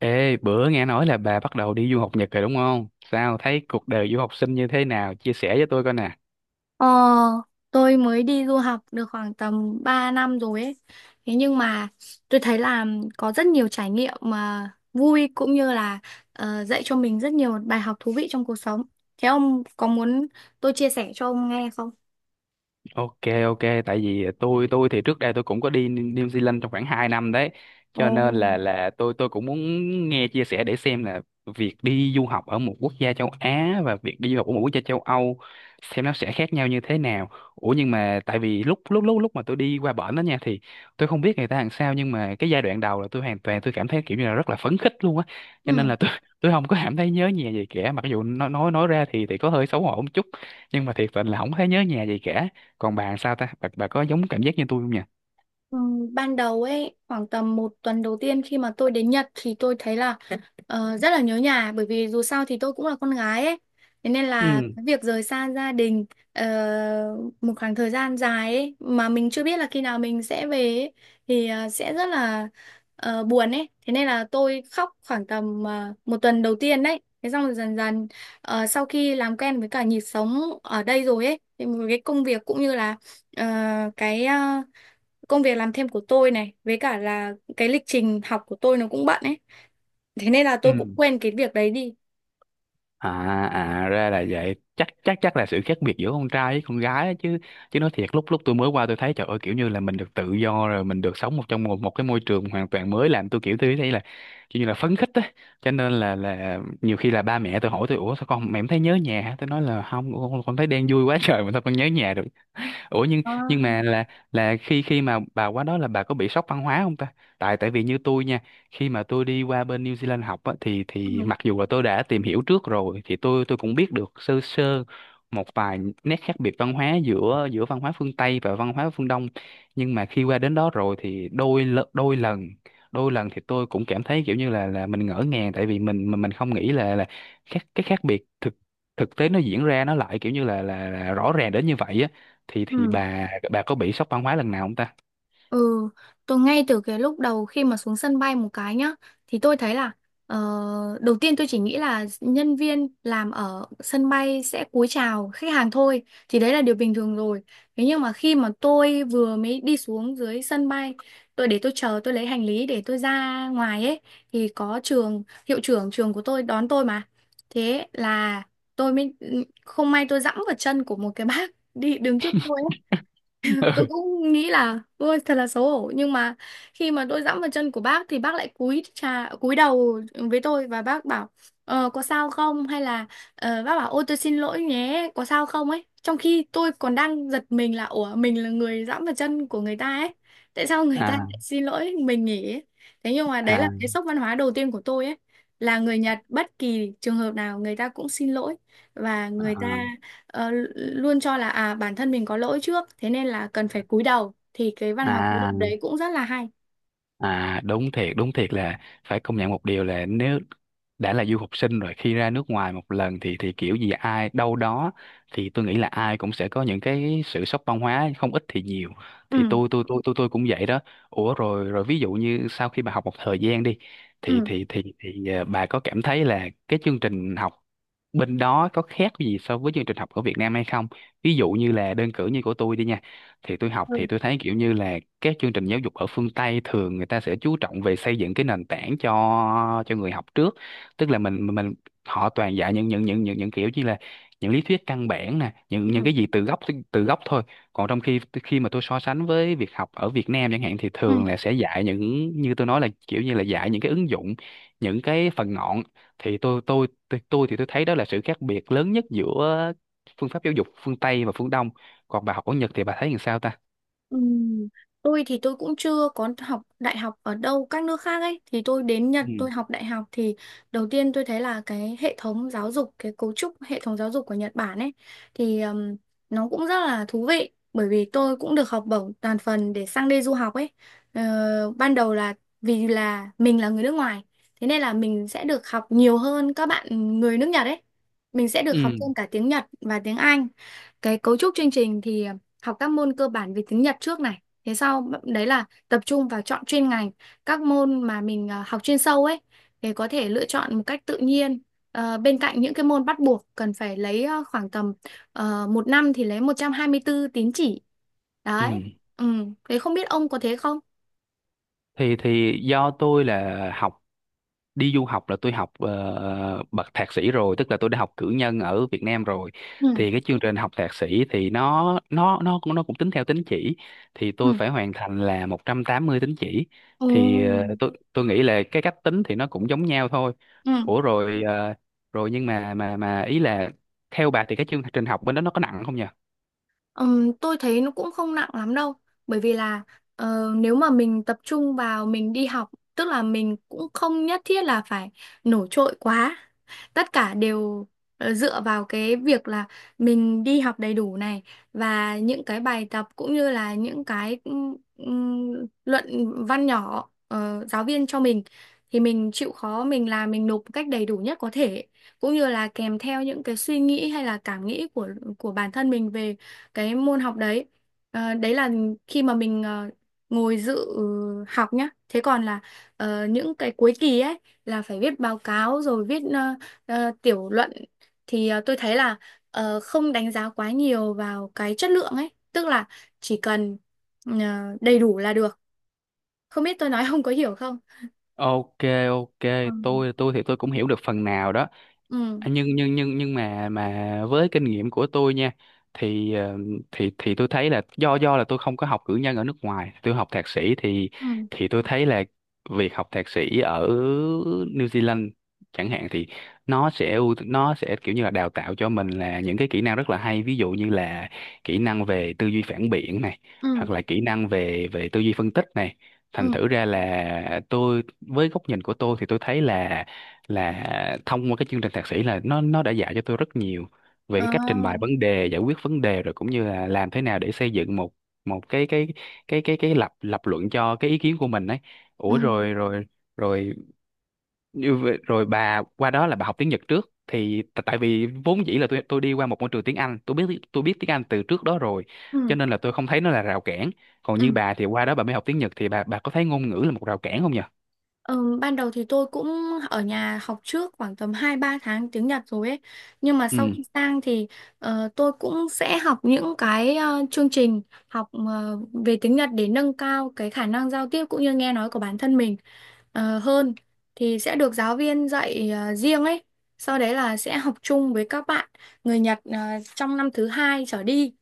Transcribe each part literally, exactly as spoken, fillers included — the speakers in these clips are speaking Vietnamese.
Ê, bữa nghe nói là bà bắt đầu đi du học Nhật rồi đúng không? Sao thấy cuộc đời du học sinh như thế nào? Chia sẻ với tôi coi nè. Ờ, tôi mới đi du học được khoảng tầm ba năm rồi ấy. Thế nhưng mà tôi thấy là có rất nhiều trải nghiệm mà vui cũng như là ờ, dạy cho mình rất nhiều bài học thú vị trong cuộc sống. Thế ông có muốn tôi chia sẻ cho ông nghe không? Ok, ok, tại vì tôi tôi thì trước đây tôi cũng có đi New Zealand trong khoảng hai năm đấy, cho nên Ồ. là là tôi tôi cũng muốn nghe chia sẻ để xem là việc đi du học ở một quốc gia châu Á và việc đi du học ở một quốc gia châu Âu xem nó sẽ khác nhau như thế nào. Ủa nhưng mà tại vì lúc lúc lúc lúc mà tôi đi qua bển đó nha thì tôi không biết người ta làm sao, nhưng mà cái giai đoạn đầu là tôi hoàn toàn tôi cảm thấy kiểu như là rất là phấn khích luôn á, cho nên Ừ. là tôi tôi không có cảm thấy nhớ nhà gì cả, mặc dù nói nói nói ra thì thì có hơi xấu hổ một chút, nhưng mà thiệt tình là không thấy nhớ nhà gì cả. Còn bạn sao ta bà, bà, có giống cảm giác như tôi không nhỉ? Ừ, ban đầu ấy, khoảng tầm một tuần đầu tiên khi mà tôi đến Nhật thì tôi thấy là Ờ, rất là nhớ nhà, bởi vì dù sao thì tôi cũng là con gái ấy, thế nên là Ừ. cái việc rời xa gia đình ờ, một khoảng thời gian dài ấy mà mình chưa biết là khi nào mình sẽ về ấy, thì ờ, sẽ rất là ờ, buồn ấy, thế nên là tôi khóc khoảng tầm ờ, một tuần đầu tiên đấy. Thế xong rồi dần dần ờ, sau khi làm quen với cả nhịp sống ở đây rồi ấy thì một cái công việc cũng như là ờ, cái ờ, công việc làm thêm của tôi này với cả là cái lịch trình học của tôi nó cũng bận ấy, thế nên là tôi Ừ. cũng quên cái việc đấy đi. À. À ra là vậy, chắc chắc chắc là sự khác biệt giữa con trai với con gái á, chứ chứ nói thiệt lúc lúc tôi mới qua tôi thấy trời ơi, kiểu như là mình được tự do rồi, mình được sống một trong một một cái môi trường hoàn toàn mới, làm tôi kiểu tôi thấy là kiểu như là phấn khích á, cho nên là là nhiều khi là ba mẹ tôi hỏi tôi ủa sao con mẹ em thấy nhớ nhà hả?" Tôi nói là không, con con thấy đang vui quá trời mà sao con nhớ nhà được. Ủa nhưng À. nhưng mà là là khi khi mà bà qua đó là bà có bị sốc văn hóa không ta? Tại tại vì như tôi nha, khi mà tôi đi qua bên New Zealand học á, thì Ừ. thì mặc dù là tôi đã tìm hiểu trước rồi thì tôi tôi cũng biết được sơ sơ một vài nét khác biệt văn hóa giữa giữa văn hóa phương Tây và văn hóa phương Đông. Nhưng mà khi qua đến đó rồi thì đôi lợ- đôi lần đôi lần thì tôi cũng cảm thấy kiểu như là là mình ngỡ ngàng, tại vì mình mình mình không nghĩ là là khác cái khác biệt thực thực tế nó diễn ra nó lại kiểu như là là, là rõ ràng đến như vậy á, thì thì Ừ. bà bà có bị sốc văn hóa lần nào không ta? Ừ, tôi ngay từ cái lúc đầu khi mà xuống sân bay một cái nhá, thì tôi thấy là ờ, đầu tiên tôi chỉ nghĩ là nhân viên làm ở sân bay sẽ cúi chào khách hàng thôi, thì đấy là điều bình thường rồi. Thế nhưng mà khi mà tôi vừa mới đi xuống dưới sân bay, tôi để tôi chờ tôi lấy hành lý để tôi ra ngoài ấy, thì có trường hiệu trưởng trường của tôi đón tôi mà. Thế là tôi mới không may tôi dẫm vào chân của một cái bác đi đứng trước tôi. Tôi cũng nghĩ là ôi thật là xấu hổ, nhưng mà khi mà tôi dẫm vào chân của bác thì bác lại cúi chà cúi đầu với tôi và bác bảo ờ, có sao không hay là ờ, bác bảo ôi tôi xin lỗi nhé có sao không ấy, trong khi tôi còn đang giật mình là ủa mình là người dẫm vào chân của người ta ấy tại sao Ừ. người ta À. lại xin lỗi mình nhỉ ấy. Thế nhưng mà đấy là À. cái sốc văn hóa đầu tiên của tôi ấy, là người Nhật bất kỳ trường hợp nào người ta cũng xin lỗi và người ta À. ờ, luôn cho là à bản thân mình có lỗi trước, thế nên là cần phải cúi đầu thì cái văn hóa cúi đầu À. đấy cũng rất là hay. À, đúng thiệt đúng thiệt là phải công nhận một điều là nếu đã là du học sinh rồi, khi ra nước ngoài một lần thì thì kiểu gì ai đâu đó, thì tôi nghĩ là ai cũng sẽ có những cái sự sốc văn hóa không ít thì nhiều, thì Ừ, tôi tôi tôi tôi tôi cũng vậy đó. Ủa rồi rồi ví dụ như sau khi bà học một thời gian đi thì ừ, thì thì thì, ờ, bà có cảm thấy là cái chương trình học bên đó có khác gì so với chương trình học ở Việt Nam hay không, ví dụ như là đơn cử như của tôi đi nha, thì tôi học ừ, thì tôi thấy kiểu như là các chương trình giáo dục ở phương Tây thường người ta sẽ chú trọng về xây dựng cái nền tảng cho cho người học trước, tức là mình mình mình- họ toàn dạy những những những những những kiểu như là những lý thuyết căn bản nè, những những ừ, cái gì từ gốc từ gốc thôi, còn trong khi khi mà tôi so sánh với việc học ở Việt Nam chẳng hạn thì thường ừ. là sẽ dạy những như tôi nói là kiểu như là dạy những cái ứng dụng, những cái phần ngọn, thì tôi tôi tôi, tôi thì tôi thấy đó là sự khác biệt lớn nhất giữa phương pháp giáo dục phương Tây và phương Đông. Còn bà học ở Nhật thì bà thấy làm sao ta? Ừm, Tôi thì tôi cũng chưa có học đại học ở đâu các nước khác ấy, thì tôi đến Nhật Ừ. tôi học đại học thì đầu tiên tôi thấy là cái hệ thống giáo dục cái cấu trúc hệ thống giáo dục của Nhật Bản ấy thì ừm, nó cũng rất là thú vị bởi vì tôi cũng được học bổng toàn phần để sang đây du học ấy. Ờ, ban đầu là vì là mình là người nước ngoài, thế nên là mình sẽ được học nhiều hơn các bạn người nước Nhật ấy, mình sẽ được học Ừ. thêm cả tiếng Nhật và tiếng Anh. Cái cấu trúc chương trình thì học các môn cơ bản về tiếng Nhật trước này, thế sau đấy là tập trung vào chọn chuyên ngành, các môn mà mình à, học chuyên sâu ấy thì có thể lựa chọn một cách tự nhiên. Ờ, bên cạnh những cái môn bắt buộc cần phải lấy ờ, khoảng tầm uh, một năm thì lấy một trăm hai mươi bốn tín chỉ Ừ. đấy. Ừ, thế không biết ông có thế không. thì thì do tôi là học, đi du học là tôi học ờ, bậc thạc sĩ rồi, tức là tôi đã học cử nhân ở Việt Nam rồi, Ừ, thì cái chương trình học thạc sĩ thì nó nó nó cũng nó cũng tính theo tín chỉ, thì tôi ừ, phải hoàn thành là một trăm tám mươi tín chỉ, thì ừ, ờ, tôi tôi nghĩ là cái cách tính thì nó cũng giống nhau thôi. ừ. Ủa rồi ờ, rồi nhưng mà mà mà ý là theo bà thì cái chương trình học bên đó nó có nặng không nhỉ? Ừm, tôi thấy nó cũng không nặng lắm đâu, bởi vì là ờ, nếu mà mình tập trung vào mình đi học tức là mình cũng không nhất thiết là phải nổi trội quá, tất cả đều ờ, dựa vào cái việc là mình đi học đầy đủ này và những cái bài tập cũng như là những cái ừm, ừm, luận văn nhỏ ờ, giáo viên cho mình thì mình chịu khó mình làm mình nộp một cách đầy đủ nhất có thể, cũng như là kèm theo những cái suy nghĩ hay là cảm nghĩ của của bản thân mình về cái môn học đấy. Ờ, đấy là khi mà mình ờ, ngồi dự học nhá, thế còn là ờ, những cái cuối kỳ ấy là phải viết báo cáo rồi viết ờ, ờ, tiểu luận thì ờ, tôi thấy là ờ, không đánh giá quá nhiều vào cái chất lượng ấy, tức là chỉ cần ờ, đầy đủ là được. Không biết tôi nói không có hiểu không. Ok, ok, Ừ. tôi tôi thì tôi cũng hiểu được phần nào đó. Ừ. À, nhưng nhưng nhưng nhưng mà mà với kinh nghiệm của tôi nha, thì ờ, thì thì tôi thấy là do do là tôi không có học cử nhân ở nước ngoài, tôi học thạc sĩ thì Ừ. thì tôi thấy là việc học thạc sĩ ở New Zealand chẳng hạn thì nó sẽ ưu- nó sẽ kiểu như là đào tạo cho mình là những cái kỹ năng rất là hay, ví dụ như là kỹ năng về tư duy phản biện này, hoặc Ừ. là kỹ năng về về tư duy phân tích này, thành Ừ. thử ra là tôi với góc nhìn của tôi thì tôi thấy là là thông qua cái chương trình thạc sĩ là nó nó đã dạy cho tôi rất nhiều về Ờ. cái cách trình bày vấn đề, giải quyết vấn đề, rồi cũng như là làm thế nào để xây dựng một một cái cái cái cái cái lập lập luận cho cái ý kiến của mình ấy. Ừ. Ủa ờ, rồi rồi rồi như vậy- rồi bà qua đó là bà học tiếng Nhật trước thì t- tại vì vốn dĩ là tôi tôi đi qua một môi trường tiếng Anh, tôi biết tôi biết tiếng Anh từ trước đó rồi, cho Ừ. nên là tôi không thấy nó là rào cản. Còn như Ừ. bà thì qua đó bà mới học tiếng Nhật thì bà bà có thấy ngôn ngữ là một rào cản không nhỉ? Ừm, ban đầu thì tôi cũng ở nhà học trước khoảng tầm hai ba tháng tiếng Nhật rồi ấy. Nhưng mà sau Ừ. khi sang thì ờ, tôi cũng sẽ học những cái ờ, chương trình học ờ, về tiếng Nhật để nâng cao cái khả năng giao tiếp cũng như nghe nói của bản thân mình ờ, hơn. Thì sẽ được giáo viên dạy ờ, riêng ấy. Sau đấy là sẽ học chung với các bạn người Nhật ờ, trong năm thứ hai trở đi.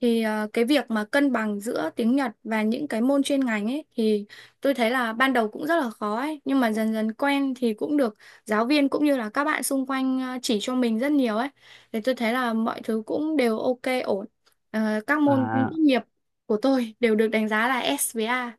Thì ờ, cái việc mà cân bằng giữa tiếng Nhật và những cái môn chuyên ngành ấy thì tôi thấy là ban đầu cũng rất là khó ấy, nhưng mà dần dần quen thì cũng được giáo viên cũng như là các bạn xung quanh ờ, chỉ cho mình rất nhiều ấy, thì tôi thấy là mọi thứ cũng đều ok ổn. Ờ, các môn tốt À. nghiệp của tôi đều được đánh giá là ét với A.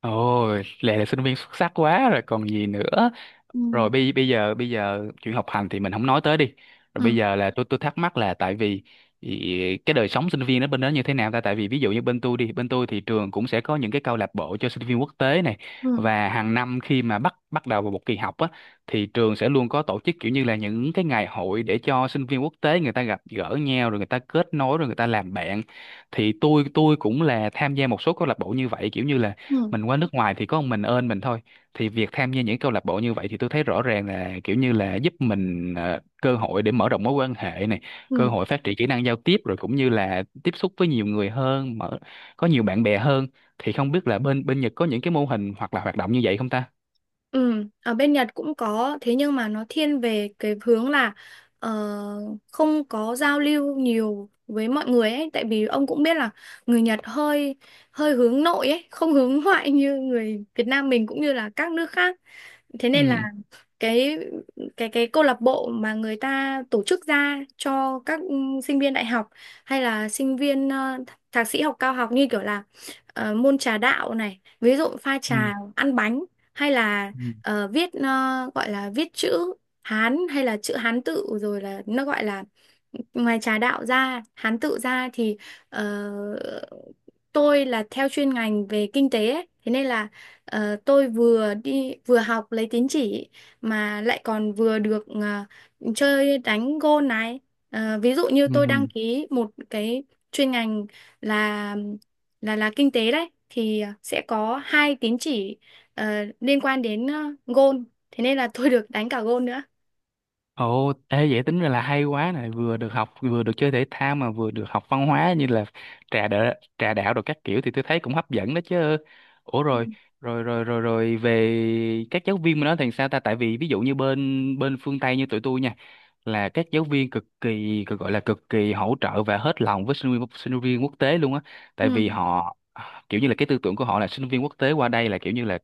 Ôi, Lệ là sinh viên xuất sắc quá rồi còn gì nữa. Ừ. Rồi bây bây giờ bây giờ chuyện học hành thì mình không nói tới đi, rồi bây Ừ. giờ là tôi tôi thắc mắc là tại vì ý- cái đời sống sinh viên ở bên đó như thế nào ta, tại vì ví dụ như bên tôi đi, bên tôi thì trường cũng sẽ có những cái câu lạc bộ cho sinh viên quốc tế này, Ừ. và hàng năm khi mà bắt bắt đầu vào một kỳ học á thì trường sẽ luôn có tổ chức kiểu như là những cái ngày hội để cho sinh viên quốc tế người ta gặp gỡ nhau, rồi người ta kết nối, rồi người ta làm bạn, thì tôi tôi cũng là tham gia một số câu lạc bộ như vậy, kiểu như là Ừ. mình qua nước ngoài thì có một mình ơn mình thôi, thì việc tham gia những câu lạc bộ như vậy thì tôi thấy rõ ràng là kiểu như là giúp mình ờ, cơ hội để mở rộng mối quan hệ này, cơ Ừ. hội phát triển kỹ năng giao tiếp, rồi cũng như là tiếp xúc với nhiều người hơn, mở, có nhiều bạn bè hơn, thì không biết là bên bên Nhật có những cái mô hình hoặc là hoạt động như vậy không ta? Ừ, ở bên Nhật cũng có thế nhưng mà nó thiên về cái hướng là ờ, không có giao lưu nhiều với mọi người ấy, tại vì ông cũng biết là người Nhật hơi hơi hướng nội ấy, không hướng ngoại như người Việt Nam mình cũng như là các nước khác, thế Ừ. nên là cái cái cái câu lạc bộ mà người ta tổ chức ra cho các ừ, sinh viên đại học hay là sinh viên ờ, thạc sĩ học cao học như kiểu là ờ, môn trà đạo này ví dụ pha Ừ. trà ăn bánh, hay là Ừ. ờ, viết ờ, gọi là viết chữ Hán hay là chữ Hán tự rồi là nó gọi là, ngoài trà đạo ra Hán tự ra thì ờ, tôi là theo chuyên ngành về kinh tế ấy. Thế nên là ờ, tôi vừa đi vừa học lấy tín chỉ mà lại còn vừa được à, chơi đánh gôn này. À, ví dụ như Ừ. tôi đăng ký một cái chuyên ngành là là là kinh tế đấy thì sẽ có hai tín chỉ ờ, liên quan đến uh, gôn, thế nên là tôi được đánh cả gôn nữa. Ồ, ê vậy tính ra là hay quá này, vừa được học, vừa được chơi thể thao, mà vừa được học văn hóa như là trà đỡ, trà đạo rồi các kiểu thì tôi thấy cũng hấp dẫn đó chứ. Ủa rồi, rồi rồi rồi rồi về các giáo viên mà nói thì sao ta? Tại vì ví dụ như bên bên phương Tây như tụi tôi nha, là các giáo viên cực kỳ cực gọi là cực kỳ hỗ trợ và hết lòng với sinh viên sinh viên quốc tế luôn á, Ừ. tại vì họ kiểu như là cái tư tưởng của họ là sinh viên quốc tế qua đây là kiểu như là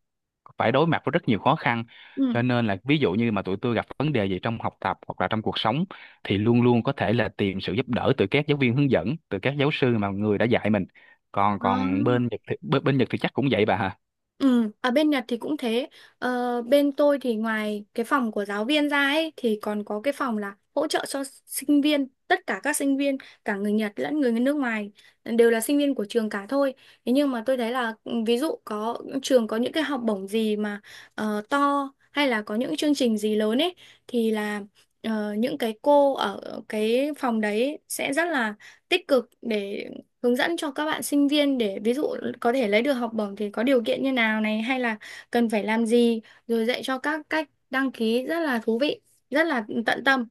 phải đối mặt với rất nhiều khó khăn, Ừ. cho nên là ví dụ như mà tụi tôi gặp vấn đề gì trong học tập hoặc là trong cuộc sống thì luôn luôn có thể là tìm sự giúp đỡ từ các giáo viên hướng dẫn, từ các giáo sư mà người đã dạy mình, còn Đó. còn bên Nhật thì, bên, bên Nhật thì chắc cũng vậy bà hả? Ừ, ở bên Nhật thì cũng thế. Ờ, bên tôi thì ngoài cái phòng của giáo viên ra ấy, thì còn có cái phòng là hỗ trợ cho sinh viên. Tất cả các sinh viên, cả người Nhật lẫn người nước ngoài đều là sinh viên của trường cả thôi. Thế nhưng mà tôi thấy là ừ, ví dụ có trường có những cái học bổng gì mà ờ, to, hay là có những chương trình gì lớn ấy thì là ờ, những cái cô ở cái phòng đấy sẽ rất là tích cực để hướng dẫn cho các bạn sinh viên, để ví dụ có thể lấy được học bổng thì có điều kiện như nào này hay là cần phải làm gì, rồi dạy cho các cách đăng ký rất là thú vị, rất là tận tâm.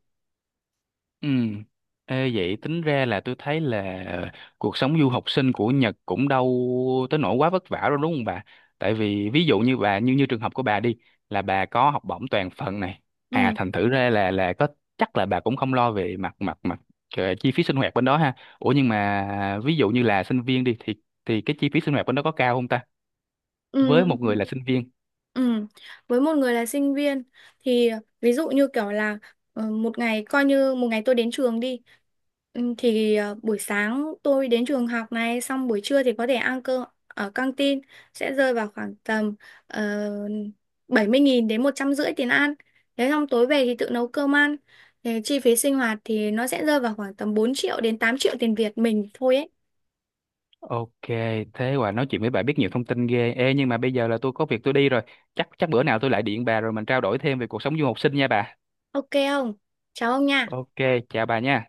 Ừ. Ê, vậy tính ra là tôi thấy là cuộc sống du học sinh của Nhật cũng đâu tới nỗi quá vất vả đâu đúng không bà? Tại vì ví dụ như bà, như như trường hợp của bà đi, là bà có học bổng toàn phần này. À Ừ. thành thử ra là là có, chắc là bà cũng không lo về mặt mặt mặt ờ, chi phí sinh hoạt bên đó ha. Ủa nhưng mà ví dụ như là sinh viên đi thì thì cái chi phí sinh hoạt bên đó có cao không ta? Ừ. Với một người là sinh viên. Ừ. Với một người là sinh viên thì ví dụ như kiểu là ờ, một ngày coi như một ngày tôi đến trường đi ừ, thì ờ, buổi sáng tôi đến trường học này, xong buổi trưa thì có thể ăn cơm ở căng tin, sẽ rơi vào khoảng tầm uh, bảy mươi nghìn đến một trăm rưỡi tiền ăn. Thế xong tối về thì tự nấu cơm ăn. Thì chi phí sinh hoạt thì nó sẽ rơi vào khoảng tầm bốn triệu đến tám triệu tiền Việt mình thôi ấy. Ok, thế quả nói chuyện với bà biết nhiều thông tin ghê. Ê, nhưng mà bây giờ là tôi có việc tôi đi rồi. Chắc chắc bữa nào tôi lại điện bà rồi mình trao đổi thêm về cuộc sống du học sinh nha bà. Ok không? Chào ông nha. Ok, chào bà nha.